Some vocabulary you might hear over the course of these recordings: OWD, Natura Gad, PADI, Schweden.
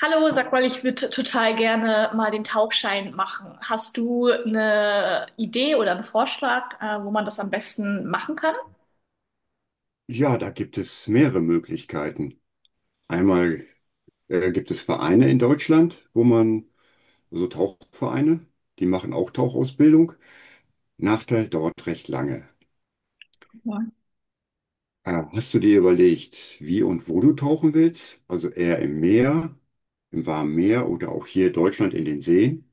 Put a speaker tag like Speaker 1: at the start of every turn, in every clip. Speaker 1: Hallo, sag mal, ich würde total gerne mal den Tauchschein machen. Hast du eine Idee oder einen Vorschlag, wo man das am besten machen kann?
Speaker 2: Ja, da gibt es mehrere Möglichkeiten. Einmal gibt es Vereine in Deutschland, wo man, so Tauchvereine, die machen auch Tauchausbildung. Nachteil dauert recht lange.
Speaker 1: Ja.
Speaker 2: Hast du dir überlegt, wie und wo du tauchen willst? Also eher im Meer, im warmen Meer oder auch hier in Deutschland in den Seen?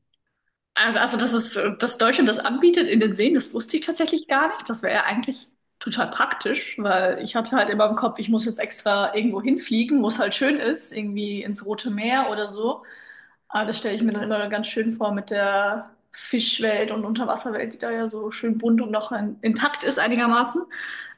Speaker 1: Also, dass es, dass Deutschland das anbietet in den Seen, das wusste ich tatsächlich gar nicht. Das wäre ja eigentlich total praktisch, weil ich hatte halt immer im Kopf, ich muss jetzt extra irgendwo hinfliegen, wo es halt schön ist, irgendwie ins Rote Meer oder so. Aber das stelle ich mir dann immer ganz schön vor mit der Fischwelt und Unterwasserwelt, die da ja so schön bunt und noch intakt ist einigermaßen.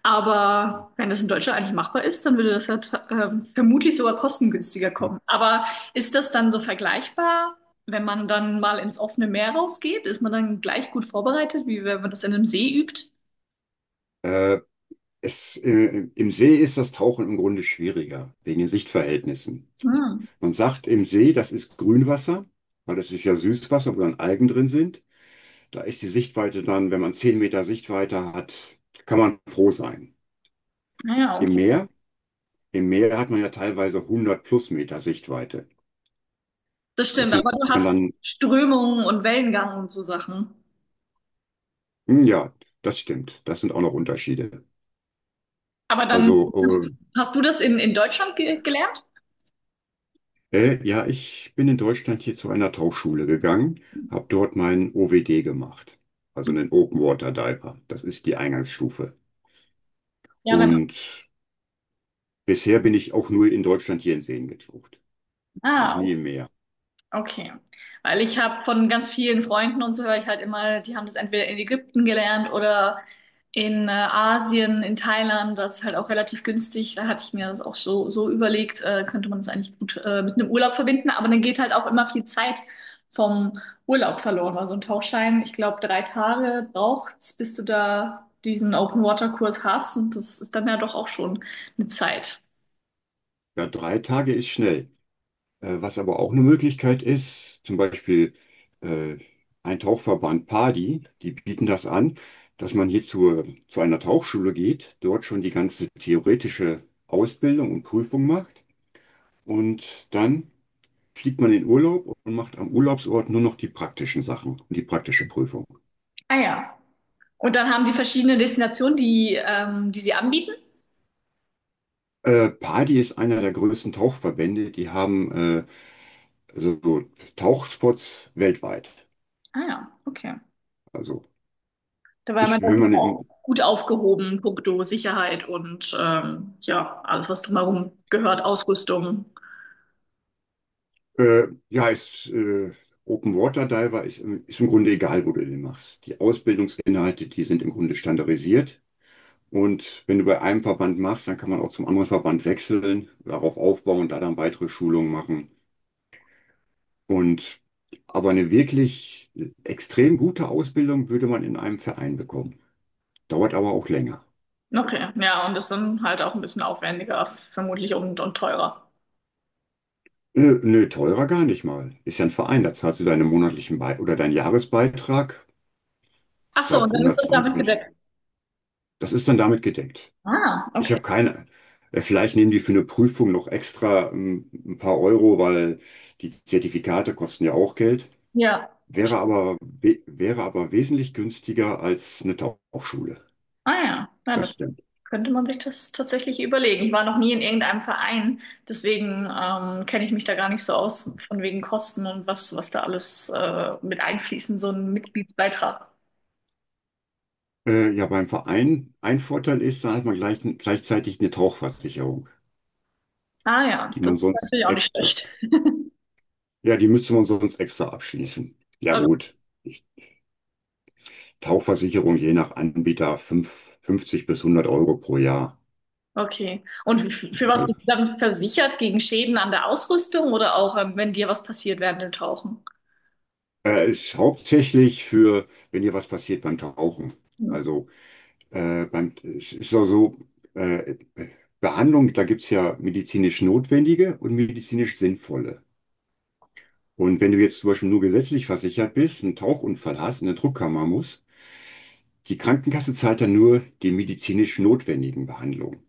Speaker 1: Aber wenn das in Deutschland eigentlich machbar ist, dann würde das ja vermutlich sogar kostengünstiger kommen. Aber ist das dann so vergleichbar, wenn man dann mal ins offene Meer rausgeht? Ist man dann gleich gut vorbereitet, wie wenn man das in einem See übt?
Speaker 2: Äh, Im See ist das Tauchen im Grunde schwieriger, wegen den Sichtverhältnissen.
Speaker 1: Hm.
Speaker 2: Man sagt im See, das ist Grünwasser, weil das ist ja Süßwasser, wo dann Algen drin sind. Da ist die Sichtweite dann, wenn man 10 Meter Sichtweite hat, kann man froh sein.
Speaker 1: Naja,
Speaker 2: Im
Speaker 1: okay.
Speaker 2: Meer, im Meer hat man ja teilweise 100 plus Meter Sichtweite.
Speaker 1: Das stimmt,
Speaker 2: Das nennt
Speaker 1: aber du
Speaker 2: man
Speaker 1: hast
Speaker 2: dann,
Speaker 1: Strömungen und Wellengang und so Sachen.
Speaker 2: hm, ja, das stimmt. Das sind auch noch Unterschiede.
Speaker 1: Aber dann
Speaker 2: Also,
Speaker 1: hast du, hast du das in Deutschland ge gelernt?
Speaker 2: ja, ich bin in Deutschland hier zu einer Tauchschule gegangen, habe dort meinen OWD gemacht, also einen Open Water Diver. Das ist die Eingangsstufe.
Speaker 1: Ja, genau.
Speaker 2: Und bisher bin ich auch nur in Deutschland hier in Seen getaucht, noch
Speaker 1: Ah,
Speaker 2: nie im Meer.
Speaker 1: okay, weil ich habe von ganz vielen Freunden und so höre ich halt immer, die haben das entweder in Ägypten gelernt oder in Asien, in Thailand, das ist halt auch relativ günstig. Da hatte ich mir das auch so überlegt, könnte man das eigentlich gut mit einem Urlaub verbinden, aber dann geht halt auch immer viel Zeit vom Urlaub verloren. Also ein Tauchschein, ich glaube, 3 Tage braucht's, bis du da diesen Open-Water-Kurs hast und das ist dann ja doch auch schon eine Zeit.
Speaker 2: Ja, 3 Tage ist schnell. Was aber auch eine Möglichkeit ist, zum Beispiel äh, ein Tauchverband PADI, die bieten das an, dass man hier zu einer Tauchschule geht, dort schon die ganze theoretische Ausbildung und Prüfung macht und dann fliegt man in Urlaub und macht am Urlaubsort nur noch die praktischen Sachen und die praktische Prüfung.
Speaker 1: Ah ja. Und dann haben die verschiedene Destinationen, die sie anbieten.
Speaker 2: PADI ist einer der größten Tauchverbände, die haben also so Tauchspots weltweit.
Speaker 1: Ah ja, okay.
Speaker 2: Also
Speaker 1: Da war man
Speaker 2: ich, wenn
Speaker 1: dann
Speaker 2: man
Speaker 1: auch
Speaker 2: im
Speaker 1: gut aufgehoben, puncto Sicherheit und ja, alles, was drumherum gehört, Ausrüstung.
Speaker 2: Ja, ist, Open Water Diver ist, ist im Grunde egal, wo du den machst. Die Ausbildungsinhalte, die sind im Grunde standardisiert. Und wenn du bei einem Verband machst, dann kann man auch zum anderen Verband wechseln, darauf aufbauen, da dann weitere Schulungen machen. Und aber eine wirklich extrem gute Ausbildung würde man in einem Verein bekommen. Dauert aber auch länger.
Speaker 1: Okay, ja, und das dann halt auch ein bisschen aufwendiger, vermutlich und teurer.
Speaker 2: Nö, nö, teurer gar nicht mal. Ist ja ein Verein, da zahlst du deinen monatlichen Be oder deinen Jahresbeitrag.
Speaker 1: Ach
Speaker 2: Ich
Speaker 1: so,
Speaker 2: glaube
Speaker 1: und dann ist das damit
Speaker 2: 120.
Speaker 1: gedeckt.
Speaker 2: Das ist dann damit gedeckt.
Speaker 1: Ah,
Speaker 2: Ich habe
Speaker 1: okay.
Speaker 2: keine. Vielleicht nehmen die für eine Prüfung noch extra ein paar Euro, weil die Zertifikate kosten ja auch Geld.
Speaker 1: Ja, verstehe.
Speaker 2: Wäre aber wesentlich günstiger als eine Tauchschule.
Speaker 1: Ah ja, nein,
Speaker 2: Das
Speaker 1: das
Speaker 2: stimmt.
Speaker 1: könnte man sich das tatsächlich überlegen. Ich war noch nie in irgendeinem Verein, deswegen kenne ich mich da gar nicht so aus, von wegen Kosten und was da alles mit einfließen, so ein Mitgliedsbeitrag.
Speaker 2: Ja, beim Verein, ein Vorteil ist, da hat man gleichzeitig eine Tauchversicherung,
Speaker 1: Ah ja,
Speaker 2: die man
Speaker 1: das ist
Speaker 2: sonst
Speaker 1: natürlich auch nicht
Speaker 2: extra,
Speaker 1: schlecht.
Speaker 2: ja, die müsste man sonst extra abschließen. Ja,
Speaker 1: O-
Speaker 2: gut. Tauchversicherung je nach Anbieter 50 bis 100 Euro pro Jahr.
Speaker 1: okay. Und für was
Speaker 2: Also
Speaker 1: bist du dann versichert? Gegen Schäden an der Ausrüstung oder auch, wenn dir was passiert während dem Tauchen?
Speaker 2: Ist hauptsächlich für, wenn dir was passiert beim Tauchen.
Speaker 1: Hm.
Speaker 2: Also Es ist auch so, äh, Behandlung, da gibt es ja medizinisch notwendige und medizinisch sinnvolle. Und wenn du jetzt zum Beispiel nur gesetzlich versichert bist, einen Tauchunfall hast, in eine Druckkammer musst, die Krankenkasse zahlt dann nur die medizinisch notwendigen Behandlungen.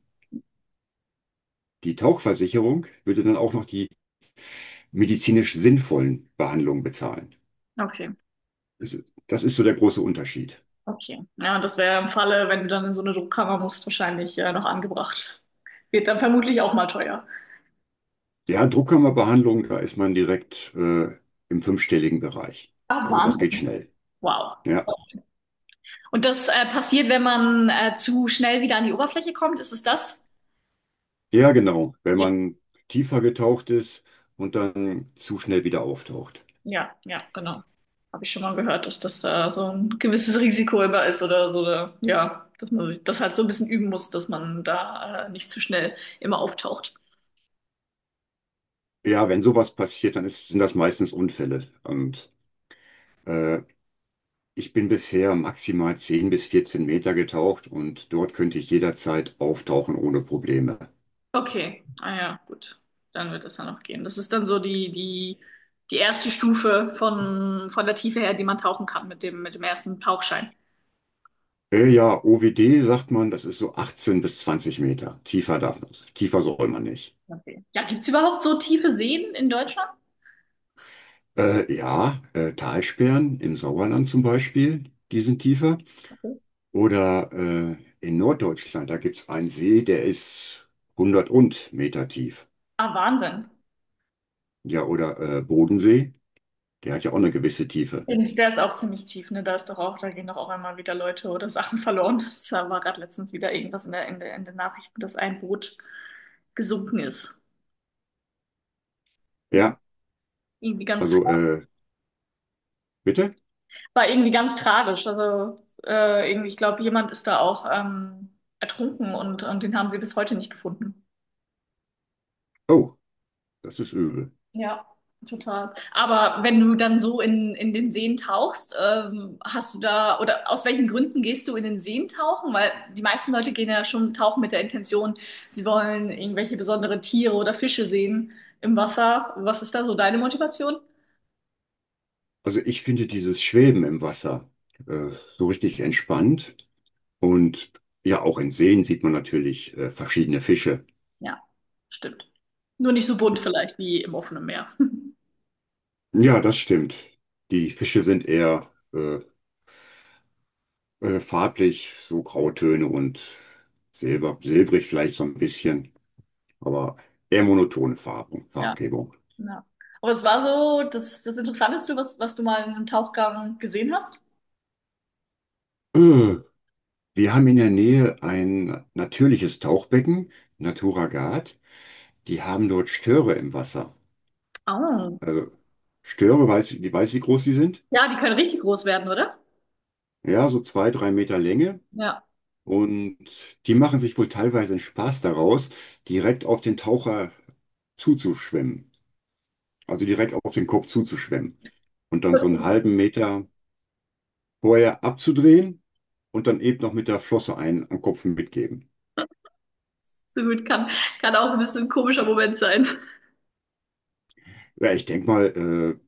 Speaker 2: Die Tauchversicherung würde dann auch noch die medizinisch sinnvollen Behandlungen bezahlen.
Speaker 1: Okay,
Speaker 2: Das ist so der große Unterschied.
Speaker 1: okay. Ja, und das wäre im Falle, wenn du dann in so eine Druckkammer musst, wahrscheinlich noch angebracht. Wird dann vermutlich auch mal teuer.
Speaker 2: Ja, Druckkammerbehandlung, da ist man direkt im fünfstelligen Bereich.
Speaker 1: Ah,
Speaker 2: Also das geht
Speaker 1: Wahnsinn.
Speaker 2: schnell.
Speaker 1: Wow.
Speaker 2: Ja.
Speaker 1: Und das passiert, wenn man zu schnell wieder an die Oberfläche kommt, ist es das?
Speaker 2: Ja, genau. Wenn man tiefer getaucht ist und dann zu schnell wieder auftaucht.
Speaker 1: Ja, genau. Habe ich schon mal gehört, dass das da so ein gewisses Risiko immer ist oder so, oder, ja, dass man sich das halt so ein bisschen üben muss, dass man da nicht zu schnell immer auftaucht.
Speaker 2: Ja, wenn sowas passiert, dann sind das meistens Unfälle. Und äh, ich bin bisher maximal 10 bis 14 Meter getaucht und dort könnte ich jederzeit auftauchen ohne Probleme.
Speaker 1: Okay, ah ja, gut. Dann wird das dann noch gehen. Das ist dann so die erste Stufe von der Tiefe her, die man tauchen kann mit dem ersten Tauchschein.
Speaker 2: Ja, OWD sagt man, das ist so 18 bis 20 Meter. Tiefer soll man nicht.
Speaker 1: Okay. Ja, gibt's überhaupt so tiefe Seen in Deutschland?
Speaker 2: Ja, Talsperren im Sauerland zum Beispiel, die sind tiefer.
Speaker 1: Okay.
Speaker 2: Oder in Norddeutschland, da gibt es einen See, der ist 100 und Meter tief.
Speaker 1: Ah, Wahnsinn.
Speaker 2: Ja, oder Bodensee, der hat ja auch eine gewisse Tiefe.
Speaker 1: Und der ist auch ziemlich tief, ne? Da ist doch auch, da gehen doch auch einmal wieder Leute oder Sachen verloren. Das war gerade letztens wieder irgendwas in den Nachrichten, dass ein Boot gesunken ist.
Speaker 2: Ja,
Speaker 1: Irgendwie ganz,
Speaker 2: also äh, bitte?
Speaker 1: war irgendwie ganz tragisch. Also irgendwie, ich glaube, jemand ist da auch ertrunken und den haben sie bis heute nicht gefunden.
Speaker 2: Oh, das ist übel.
Speaker 1: Ja, total. Aber wenn du dann so in den Seen tauchst, hast du da, oder aus welchen Gründen gehst du in den Seen tauchen? Weil die meisten Leute gehen ja schon tauchen mit der Intention, sie wollen irgendwelche besondere Tiere oder Fische sehen im Wasser. Was ist da so deine Motivation?
Speaker 2: Also ich finde dieses Schweben im Wasser äh, so richtig entspannt. Und ja, auch in Seen sieht man natürlich verschiedene Fische.
Speaker 1: Ja, stimmt. Nur nicht so bunt vielleicht wie im offenen Meer.
Speaker 2: Ja, das stimmt. Die Fische sind eher farblich so Grautöne und Silber, silbrig vielleicht so ein bisschen, aber eher monotone Farben,
Speaker 1: Ja,
Speaker 2: Farbgebung.
Speaker 1: ja. Aber es war so das Interessanteste, was du mal in einem Tauchgang gesehen hast?
Speaker 2: Äh, Wir haben in der Nähe ein natürliches Tauchbecken, Natura Gad. Die haben dort Störe im Wasser.
Speaker 1: Oh.
Speaker 2: Also Störe, die weiß, wie groß die sind?
Speaker 1: Ja, die können richtig groß werden, oder?
Speaker 2: Ja, so 2, 3 Meter Länge.
Speaker 1: Ja.
Speaker 2: Und die machen sich wohl teilweise einen Spaß daraus, direkt auf den Taucher zuzuschwimmen. Also direkt auf den Kopf zuzuschwemmen und dann so einen halben Meter vorher abzudrehen und dann eben noch mit der Flosse einen am Kopf mitgeben.
Speaker 1: So gut, kann auch ein bisschen ein komischer Moment sein.
Speaker 2: Ja, ich denke mal, äh,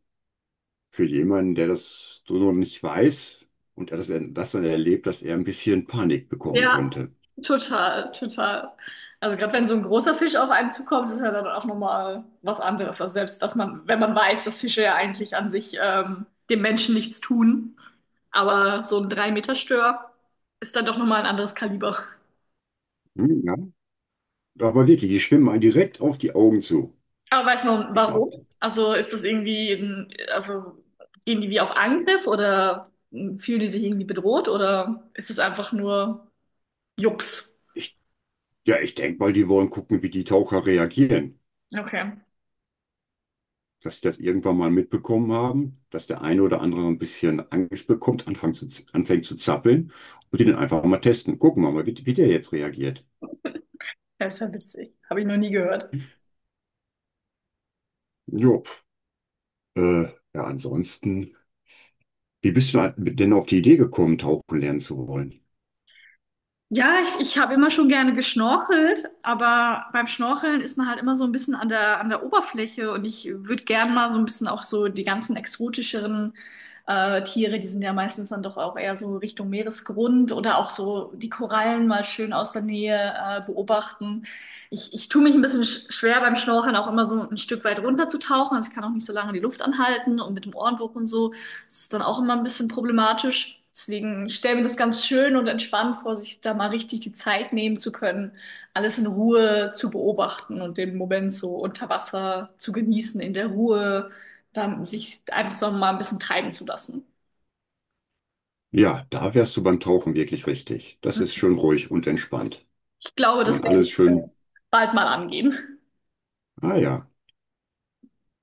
Speaker 2: für jemanden, der das so noch nicht weiß und das dann erlebt, dass er ein bisschen Panik bekommen
Speaker 1: Ja,
Speaker 2: könnte.
Speaker 1: total, total. Also gerade wenn so ein großer Fisch auf einen zukommt, ist ja dann auch nochmal was anderes. Also selbst, dass man, wenn man weiß, dass Fische ja eigentlich an sich dem Menschen nichts tun, aber so ein 3 Meter stör ist dann doch nochmal ein anderes Kaliber.
Speaker 2: Hm, ja. Aber wirklich, die schwimmen einen direkt auf die Augen zu.
Speaker 1: Aber weiß man
Speaker 2: Ich glaube,
Speaker 1: warum? Also ist das irgendwie, also gehen die wie auf Angriff oder fühlen die sich irgendwie bedroht oder ist es einfach nur Jux?
Speaker 2: ich, ja, ich denke mal, die wollen gucken, wie die Taucher reagieren.
Speaker 1: Okay.
Speaker 2: Dass sie das irgendwann mal mitbekommen haben, dass der eine oder andere ein bisschen Angst bekommt, anfängt zu zappeln und die dann einfach mal testen. Gucken wir mal, wie der jetzt reagiert.
Speaker 1: Das ist ja witzig. Habe ich noch nie gehört.
Speaker 2: Jo, äh, ja, ansonsten, wie bist du denn auf die Idee gekommen, tauchen lernen zu wollen?
Speaker 1: Ja, ich habe immer schon gerne geschnorchelt, aber beim Schnorcheln ist man halt immer so ein bisschen an der Oberfläche und ich würde gern mal so ein bisschen auch so die ganzen exotischeren Tiere, die sind ja meistens dann doch auch eher so Richtung Meeresgrund oder auch so die Korallen mal schön aus der Nähe beobachten. Ich tue mich ein bisschen schwer beim Schnorcheln auch immer so ein Stück weit runterzutauchen, also ich kann auch nicht so lange die Luft anhalten und mit dem Ohrenwurf und so. Das ist dann auch immer ein bisschen problematisch. Deswegen, stelle mir das ganz schön und entspannt vor, sich da mal richtig die Zeit nehmen zu können, alles in Ruhe zu beobachten und den Moment so unter Wasser zu genießen, in der Ruhe, dann sich einfach so mal ein bisschen treiben zu lassen.
Speaker 2: Ja, da wärst du beim Tauchen wirklich richtig. Das ist schön ruhig und entspannt.
Speaker 1: Ich glaube,
Speaker 2: Kann
Speaker 1: das
Speaker 2: man
Speaker 1: werde ich
Speaker 2: alles schön,
Speaker 1: bald mal angehen.
Speaker 2: ah ja.